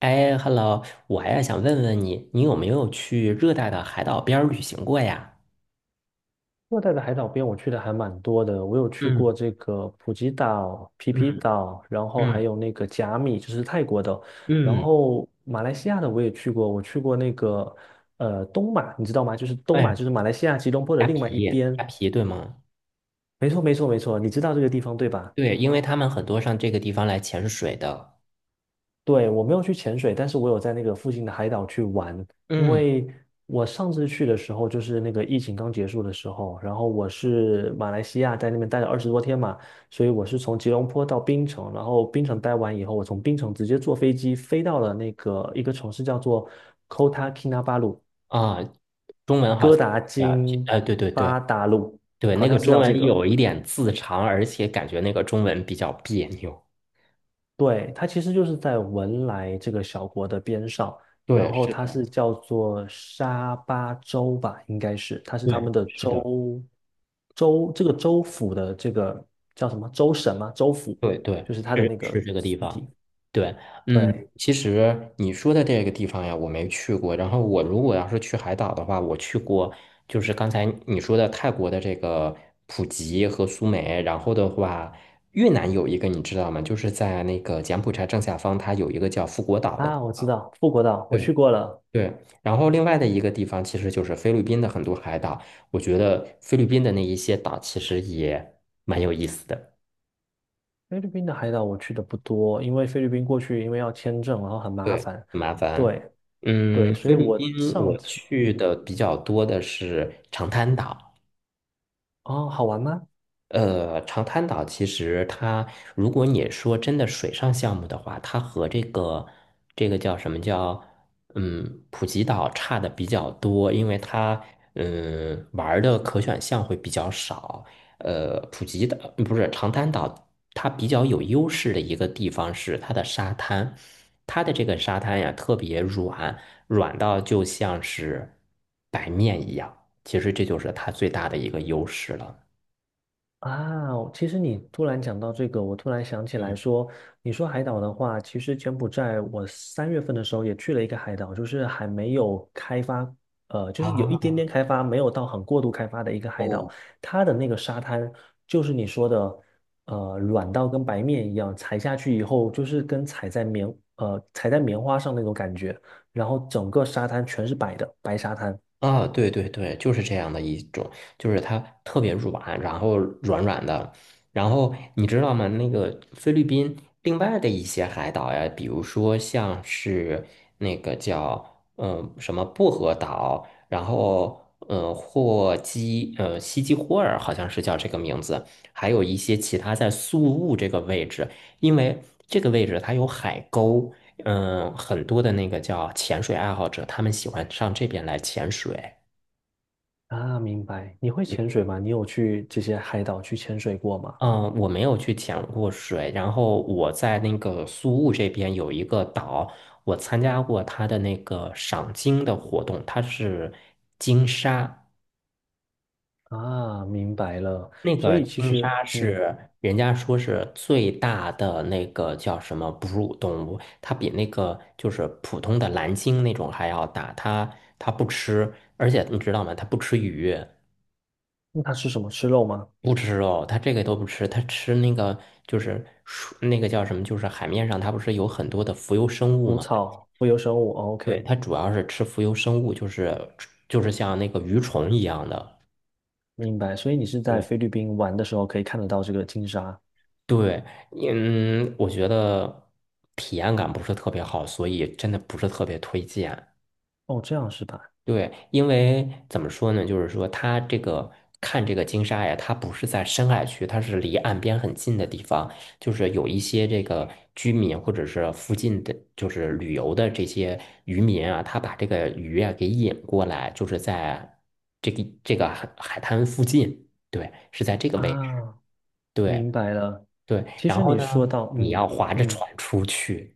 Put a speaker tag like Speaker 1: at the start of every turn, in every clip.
Speaker 1: 哎，Hello，我呀想问问你，你有没有去热带的海岛边儿旅行过呀？
Speaker 2: 热带的海岛边我去的还蛮多的，我有去过
Speaker 1: 嗯
Speaker 2: 这个普吉岛、皮
Speaker 1: 嗯
Speaker 2: 皮岛，然后还
Speaker 1: 嗯
Speaker 2: 有那个甲米，就是泰国的，然
Speaker 1: 嗯，
Speaker 2: 后马来西亚的我也去过，我去过那个东马，你知道吗？就是东
Speaker 1: 哎
Speaker 2: 马，
Speaker 1: 呀，
Speaker 2: 就是马来西亚吉隆坡的
Speaker 1: 虾
Speaker 2: 另
Speaker 1: 皮，
Speaker 2: 外一
Speaker 1: 虾
Speaker 2: 边。
Speaker 1: 皮对吗？
Speaker 2: 没错，没错，没错，你知道这个地方对吧？
Speaker 1: 对，因为他们很多上这个地方来潜水的。
Speaker 2: 对，我没有去潜水，但是我有在那个附近的海岛去玩。因
Speaker 1: 嗯
Speaker 2: 为我上次去的时候，就是那个疫情刚结束的时候，然后我是马来西亚在那边待了20多天嘛，所以我是从吉隆坡到槟城，然后槟城待完以后，我从槟城直接坐飞机飞到了那个一个城市叫做 Kota Kinabalu，
Speaker 1: 啊，中文好
Speaker 2: 哥
Speaker 1: 像
Speaker 2: 达
Speaker 1: 啊，
Speaker 2: 金
Speaker 1: 对对对
Speaker 2: 巴达鲁，
Speaker 1: 对，
Speaker 2: 好
Speaker 1: 那
Speaker 2: 像
Speaker 1: 个
Speaker 2: 是
Speaker 1: 中
Speaker 2: 叫这
Speaker 1: 文
Speaker 2: 个。
Speaker 1: 有一点字长，而且感觉那个中文比较别扭。
Speaker 2: 对，它其实就是在文莱这个小国的边上，然
Speaker 1: 对，
Speaker 2: 后
Speaker 1: 是的，
Speaker 2: 它是叫做沙巴州吧，应该是，它是他
Speaker 1: 对，
Speaker 2: 们的
Speaker 1: 是的。
Speaker 2: 州州这个州府的这个叫什么州省吗？州府
Speaker 1: 对对，
Speaker 2: 就是它的
Speaker 1: 是
Speaker 2: 那个
Speaker 1: 是这个地方。
Speaker 2: city。
Speaker 1: 对，嗯，
Speaker 2: 对
Speaker 1: 其实你说的这个地方呀，我没去过。然后我如果要是去海岛的话，我去过，就是刚才你说的泰国的这个普吉和苏梅。然后的话，越南有一个你知道吗？就是在那个柬埔寨正下方，它有一个叫富国岛的地
Speaker 2: 啊，我知
Speaker 1: 方。
Speaker 2: 道富国岛，我
Speaker 1: 对
Speaker 2: 去过了。
Speaker 1: 对，然后另外的一个地方其实就是菲律宾的很多海岛。我觉得菲律宾的那一些岛其实也蛮有意思的。
Speaker 2: 菲律宾的海岛我去的不多，因为菲律宾过去因为要签证，然后很麻
Speaker 1: 对，
Speaker 2: 烦。
Speaker 1: 麻烦。
Speaker 2: 对对，
Speaker 1: 嗯，
Speaker 2: 所
Speaker 1: 菲
Speaker 2: 以
Speaker 1: 律
Speaker 2: 我
Speaker 1: 宾我
Speaker 2: 上次
Speaker 1: 去的比较多的是长滩岛。
Speaker 2: 哦，好玩吗？
Speaker 1: 长滩岛其实它，如果你说真的水上项目的话，它和这个叫什么叫普吉岛差的比较多，因为它玩儿的可选项会比较少。普吉岛不是长滩岛，它比较有优势的一个地方是它的沙滩，它的这个沙滩呀特别软，软到就像是白面一样，其实这就是它最大的一个优势了。
Speaker 2: 啊，其实你突然讲到这个，我突然想起
Speaker 1: 嗯。
Speaker 2: 来说，你说海岛的话，其实柬埔寨我3月份的时候也去了一个海岛，就是还没有开发，就是有一
Speaker 1: 啊，
Speaker 2: 点点开发，没有到很过度开发的一个海岛，
Speaker 1: 哦，
Speaker 2: 它的那个沙滩就是你说的，软到跟白面一样，踩下去以后就是跟踩在棉，呃，踩在棉花上那种感觉，然后整个沙滩全是白的，白沙滩。
Speaker 1: 啊，对对对，就是这样的一种，就是它特别软，然后软软的，然后你知道吗？那个菲律宾另外的一些海岛呀，比如说像是那个叫什么薄荷岛，然后呃霍基呃西基霍尔好像是叫这个名字，还有一些其他在宿雾这个位置，因为这个位置它有海沟。嗯，很多的那个叫潜水爱好者，他们喜欢上这边来潜水。
Speaker 2: 啊，明白。你会潜水吗？你有去这些海岛去潜水过吗？
Speaker 1: 嗯，我没有去潜过水，然后我在那个苏雾这边有一个岛，我参加过它的那个赏鲸的活动，它是鲸鲨，
Speaker 2: 啊，明白了。
Speaker 1: 那
Speaker 2: 所
Speaker 1: 个
Speaker 2: 以其
Speaker 1: 鲸
Speaker 2: 实，
Speaker 1: 鲨
Speaker 2: 嗯，
Speaker 1: 是人家说是最大的那个叫什么哺乳动物，它比那个就是普通的蓝鲸那种还要大，它不吃，而且你知道吗？它不吃鱼。
Speaker 2: 那它吃什么？吃肉吗？
Speaker 1: 不吃肉，他这个都不吃，他吃那个就是那个叫什么，就是海面上它不是有很多的浮游生物
Speaker 2: 无
Speaker 1: 嘛？
Speaker 2: 草，无有生物。哦
Speaker 1: 对，
Speaker 2: OK，
Speaker 1: 它主要是吃浮游生物，就是像那个鱼虫一样的。
Speaker 2: 明白。所以你是在
Speaker 1: 对
Speaker 2: 菲律宾玩的时候可以看得到这个金沙。
Speaker 1: 对，嗯，我觉得体验感不是特别好，所以真的不是特别推荐。
Speaker 2: 哦，这样是吧？
Speaker 1: 对，因为怎么说呢，就是说它这个看这个金沙呀，它不是在深海区，它是离岸边很近的地方，就是有一些这个居民或者是附近的，就是旅游的这些渔民啊，他把这个鱼啊给引过来，就是在这个海滩附近，对，是在这个位置，
Speaker 2: 啊，
Speaker 1: 对
Speaker 2: 明白了。
Speaker 1: 对，
Speaker 2: 其
Speaker 1: 然
Speaker 2: 实
Speaker 1: 后
Speaker 2: 你
Speaker 1: 呢，
Speaker 2: 说到，
Speaker 1: 你要划着
Speaker 2: 嗯，
Speaker 1: 船出去，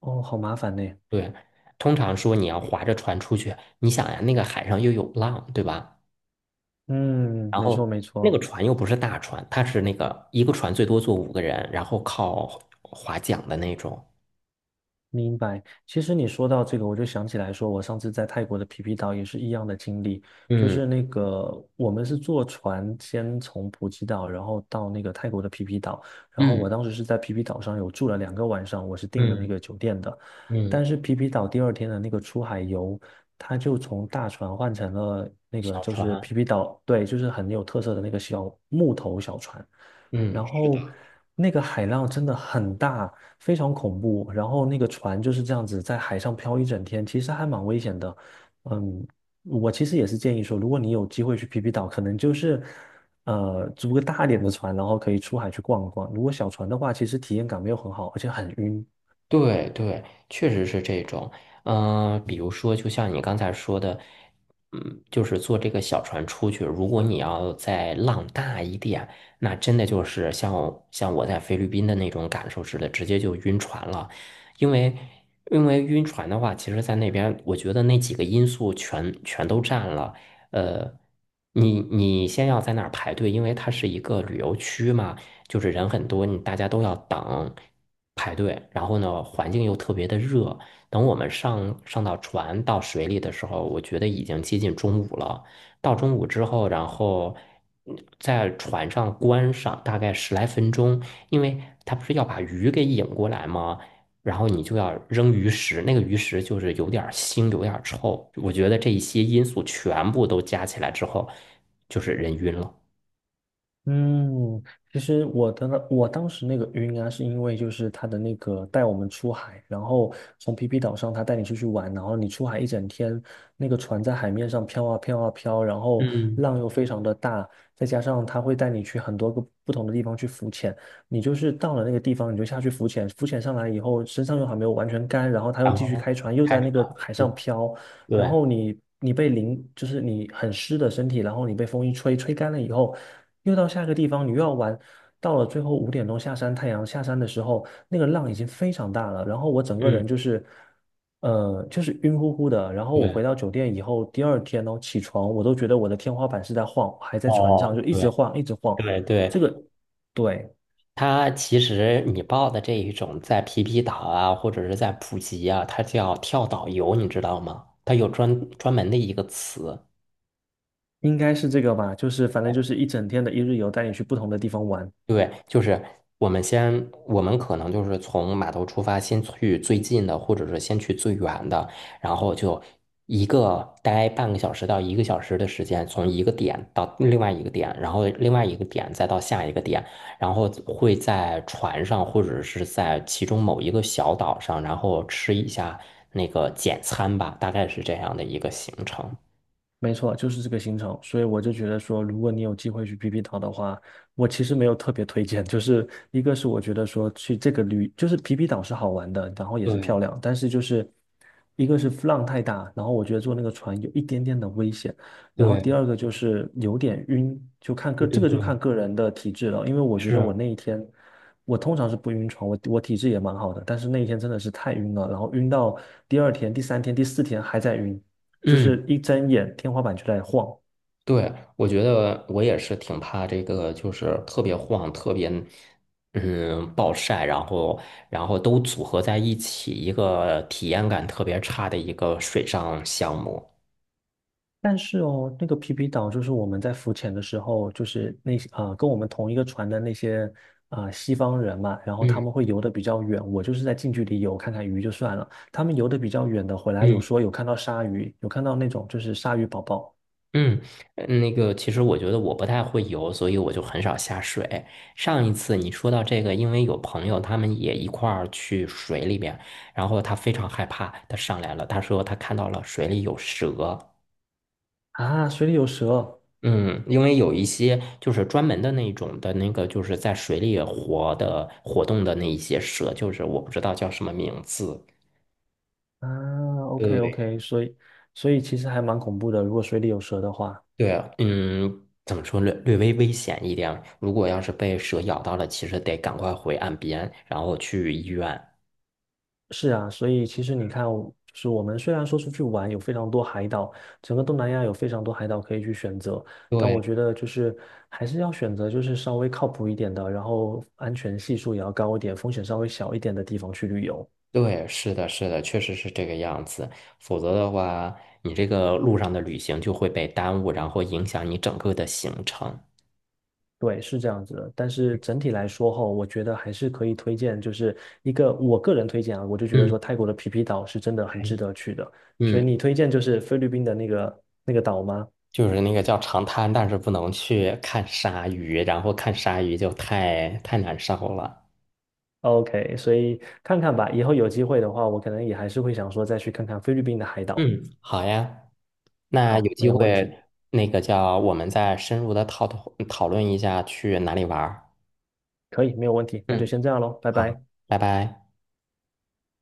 Speaker 2: 哦，好麻烦呢。
Speaker 1: 对，通常说你要划着船出去，你想呀，那个海上又有浪，对吧？
Speaker 2: 嗯，
Speaker 1: 然
Speaker 2: 没错
Speaker 1: 后
Speaker 2: 没
Speaker 1: 那个
Speaker 2: 错。
Speaker 1: 船又不是大船，它是那个一个船最多坐五个人，然后靠划桨的那种。
Speaker 2: 明白。其实你说到这个，我就想起来说，我上次在泰国的皮皮岛也是一样的经历，就
Speaker 1: 嗯
Speaker 2: 是那个我们是坐船先从普吉岛，然后到那个泰国的皮皮岛，然后我
Speaker 1: 嗯
Speaker 2: 当时是在皮皮岛上有住了2个晚上，我是订了那
Speaker 1: 嗯
Speaker 2: 个酒店的，但
Speaker 1: 嗯，
Speaker 2: 是皮皮岛第二天的那个出海游，它就从大船换成了那个
Speaker 1: 小
Speaker 2: 就是
Speaker 1: 船。
Speaker 2: 皮皮岛，对，就是很有特色的那个小木头小船。
Speaker 1: 嗯，
Speaker 2: 然
Speaker 1: 是的。
Speaker 2: 后那个海浪真的很大，非常恐怖。然后那个船就是这样子在海上漂一整天，其实还蛮危险的。嗯，我其实也是建议说，如果你有机会去皮皮岛，可能就是租个大一点的船，然后可以出海去逛一逛。如果小船的话，其实体验感没有很好，而且很晕。
Speaker 1: 对对，确实是这种。嗯、比如说，就像你刚才说的，嗯，就是坐这个小船出去，如果你要再浪大一点，那真的就是像我在菲律宾的那种感受似的，直接就晕船了。因为因为晕船的话，其实在那边，我觉得那几个因素全都占了。呃，你先要在那儿排队，因为它是一个旅游区嘛。就是人很多，你大家都要等排队，然后呢，环境又特别的热。等我们上到船到水里的时候，我觉得已经接近中午了。到中午之后，然后在船上关上大概十来分钟，因为他不是要把鱼给引过来吗？然后你就要扔鱼食，那个鱼食就是有点儿腥，有点儿臭。我觉得这一些因素全部都加起来之后，就是人晕了。
Speaker 2: 嗯，其实我当时那个晕啊，是因为就是他的那个带我们出海，然后从皮皮岛上他带你出去玩，然后你出海一整天，那个船在海面上飘啊飘啊飘，然后
Speaker 1: 嗯，
Speaker 2: 浪又非常的大，再加上他会带你去很多个不同的地方去浮潜，你就是到了那个地方你就下去浮潜，浮潜上来以后身上又还没有完全干，然后他又
Speaker 1: 然
Speaker 2: 继续
Speaker 1: 后
Speaker 2: 开船，又
Speaker 1: 开
Speaker 2: 在
Speaker 1: 始。
Speaker 2: 那个海上飘，然
Speaker 1: 对，
Speaker 2: 后你被淋，就是你很湿的身体，然后你被风一吹，吹干了以后，又到下一个地方，你又要玩。到了最后5点钟下山，太阳下山的时候，那个浪已经非常大了，然后我整个
Speaker 1: 嗯，
Speaker 2: 人就是，就是晕乎乎的。然后我
Speaker 1: 对，
Speaker 2: 回到酒店以后，第二天呢起床，我都觉得我的天花板是在晃，还在船上
Speaker 1: 哦，
Speaker 2: 就一直
Speaker 1: 对，
Speaker 2: 晃，一直晃。
Speaker 1: 对对，
Speaker 2: 这个对，
Speaker 1: 它其实你报的这一种在皮皮岛啊，或者是在普吉啊，它叫跳岛游，你知道吗？它有专门的一个词。
Speaker 2: 应该是这个吧，就是反正就是一整天的一日游，带你去不同的地方玩。
Speaker 1: 对，就是我们先，我们可能就是从码头出发，先去最近的，或者是先去最远的，然后就一个待半个小时到一个小时的时间，从一个点到另外一个点，然后另外一个点再到下一个点，然后会在船上或者是在其中某一个小岛上，然后吃一下那个简餐吧，大概是这样的一个行程。
Speaker 2: 没错，就是这个行程，所以我就觉得说，如果你有机会去皮皮岛的话，我其实没有特别推荐，就是一个是我觉得说去这个旅，就是皮皮岛是好玩的，然后也是漂
Speaker 1: 对
Speaker 2: 亮，但是就是一个是浪太大，然后我觉得坐那个船有一点点的危险，然后第
Speaker 1: 对
Speaker 2: 二个就是有点晕，就看个
Speaker 1: 对
Speaker 2: 这
Speaker 1: 对
Speaker 2: 个就
Speaker 1: 对，
Speaker 2: 看个人的体质了，因为我觉得我
Speaker 1: 是，
Speaker 2: 那一天我通常是不晕船，我体质也蛮好的，但是那一天真的是太晕了，然后晕到第二天、第三天、第四天还在晕。就
Speaker 1: 嗯。
Speaker 2: 是一睁眼天花板就在晃。
Speaker 1: 对，我觉得我也是挺怕这个，就是特别晃，特别暴晒，然后都组合在一起，一个体验感特别差的一个水上项目。
Speaker 2: 但是哦，那个皮皮岛就是我们在浮潜的时候，就是那些跟我们同一个船的那些啊西方人嘛，然后他
Speaker 1: 嗯
Speaker 2: 们会游得比较远，我就是在近距离游看看鱼就算了。他们游得比较远的回来，有
Speaker 1: 嗯
Speaker 2: 说有看到鲨鱼，有看到那种就是鲨鱼宝宝
Speaker 1: 嗯，那个其实我觉得我不太会游，所以我就很少下水。上一次你说到这个，因为有朋友他们也一块儿去水里面，然后他非常害怕，他上来了，他说他看到了水里有蛇。
Speaker 2: 啊，水里有蛇
Speaker 1: 嗯，因为有一些就是专门的那种的那个，就是在水里活动的那一些蛇，就是我不知道叫什么名字。
Speaker 2: 啊，OK
Speaker 1: 对
Speaker 2: OK，所以其实还蛮恐怖的，如果水里有蛇的话。
Speaker 1: 对啊，嗯，怎么说略微危险一点。如果要是被蛇咬到了，其实得赶快回岸边，然后去医院。
Speaker 2: 是啊，所以其实你看，就是我们虽然说出去玩有非常多海岛，整个东南亚有非常多海岛可以去选择，但
Speaker 1: 对
Speaker 2: 我觉得就是还是要选择就是稍微靠谱一点的，然后安全系数也要高一点，风险稍微小一点的地方去旅游。
Speaker 1: 对，是的，是的，确实是这个样子。否则的话，你这个路上的旅行就会被耽误，然后影响你整个的行程。
Speaker 2: 对，是这样子的。但是整体来说后，我觉得还是可以推荐，就是一个我个人推荐啊，我就觉得
Speaker 1: 嗯，
Speaker 2: 说泰国的皮皮岛是真的很值
Speaker 1: 对
Speaker 2: 得去的。所以
Speaker 1: 嗯。
Speaker 2: 你推荐就是菲律宾的那个岛吗？
Speaker 1: 就是那个叫长滩，但是不能去看鲨鱼，然后看鲨鱼就太难受了。
Speaker 2: OK，所以看看吧，以后有机会的话，我可能也还是会想说再去看看菲律宾的海岛。
Speaker 1: 嗯，好呀，那有
Speaker 2: 好，没
Speaker 1: 机
Speaker 2: 有问题，
Speaker 1: 会那个叫我们再深入的讨论一下去哪里玩儿。
Speaker 2: 可以，没有问题，那就
Speaker 1: 嗯，
Speaker 2: 先这样喽，拜
Speaker 1: 好，
Speaker 2: 拜。
Speaker 1: 拜拜。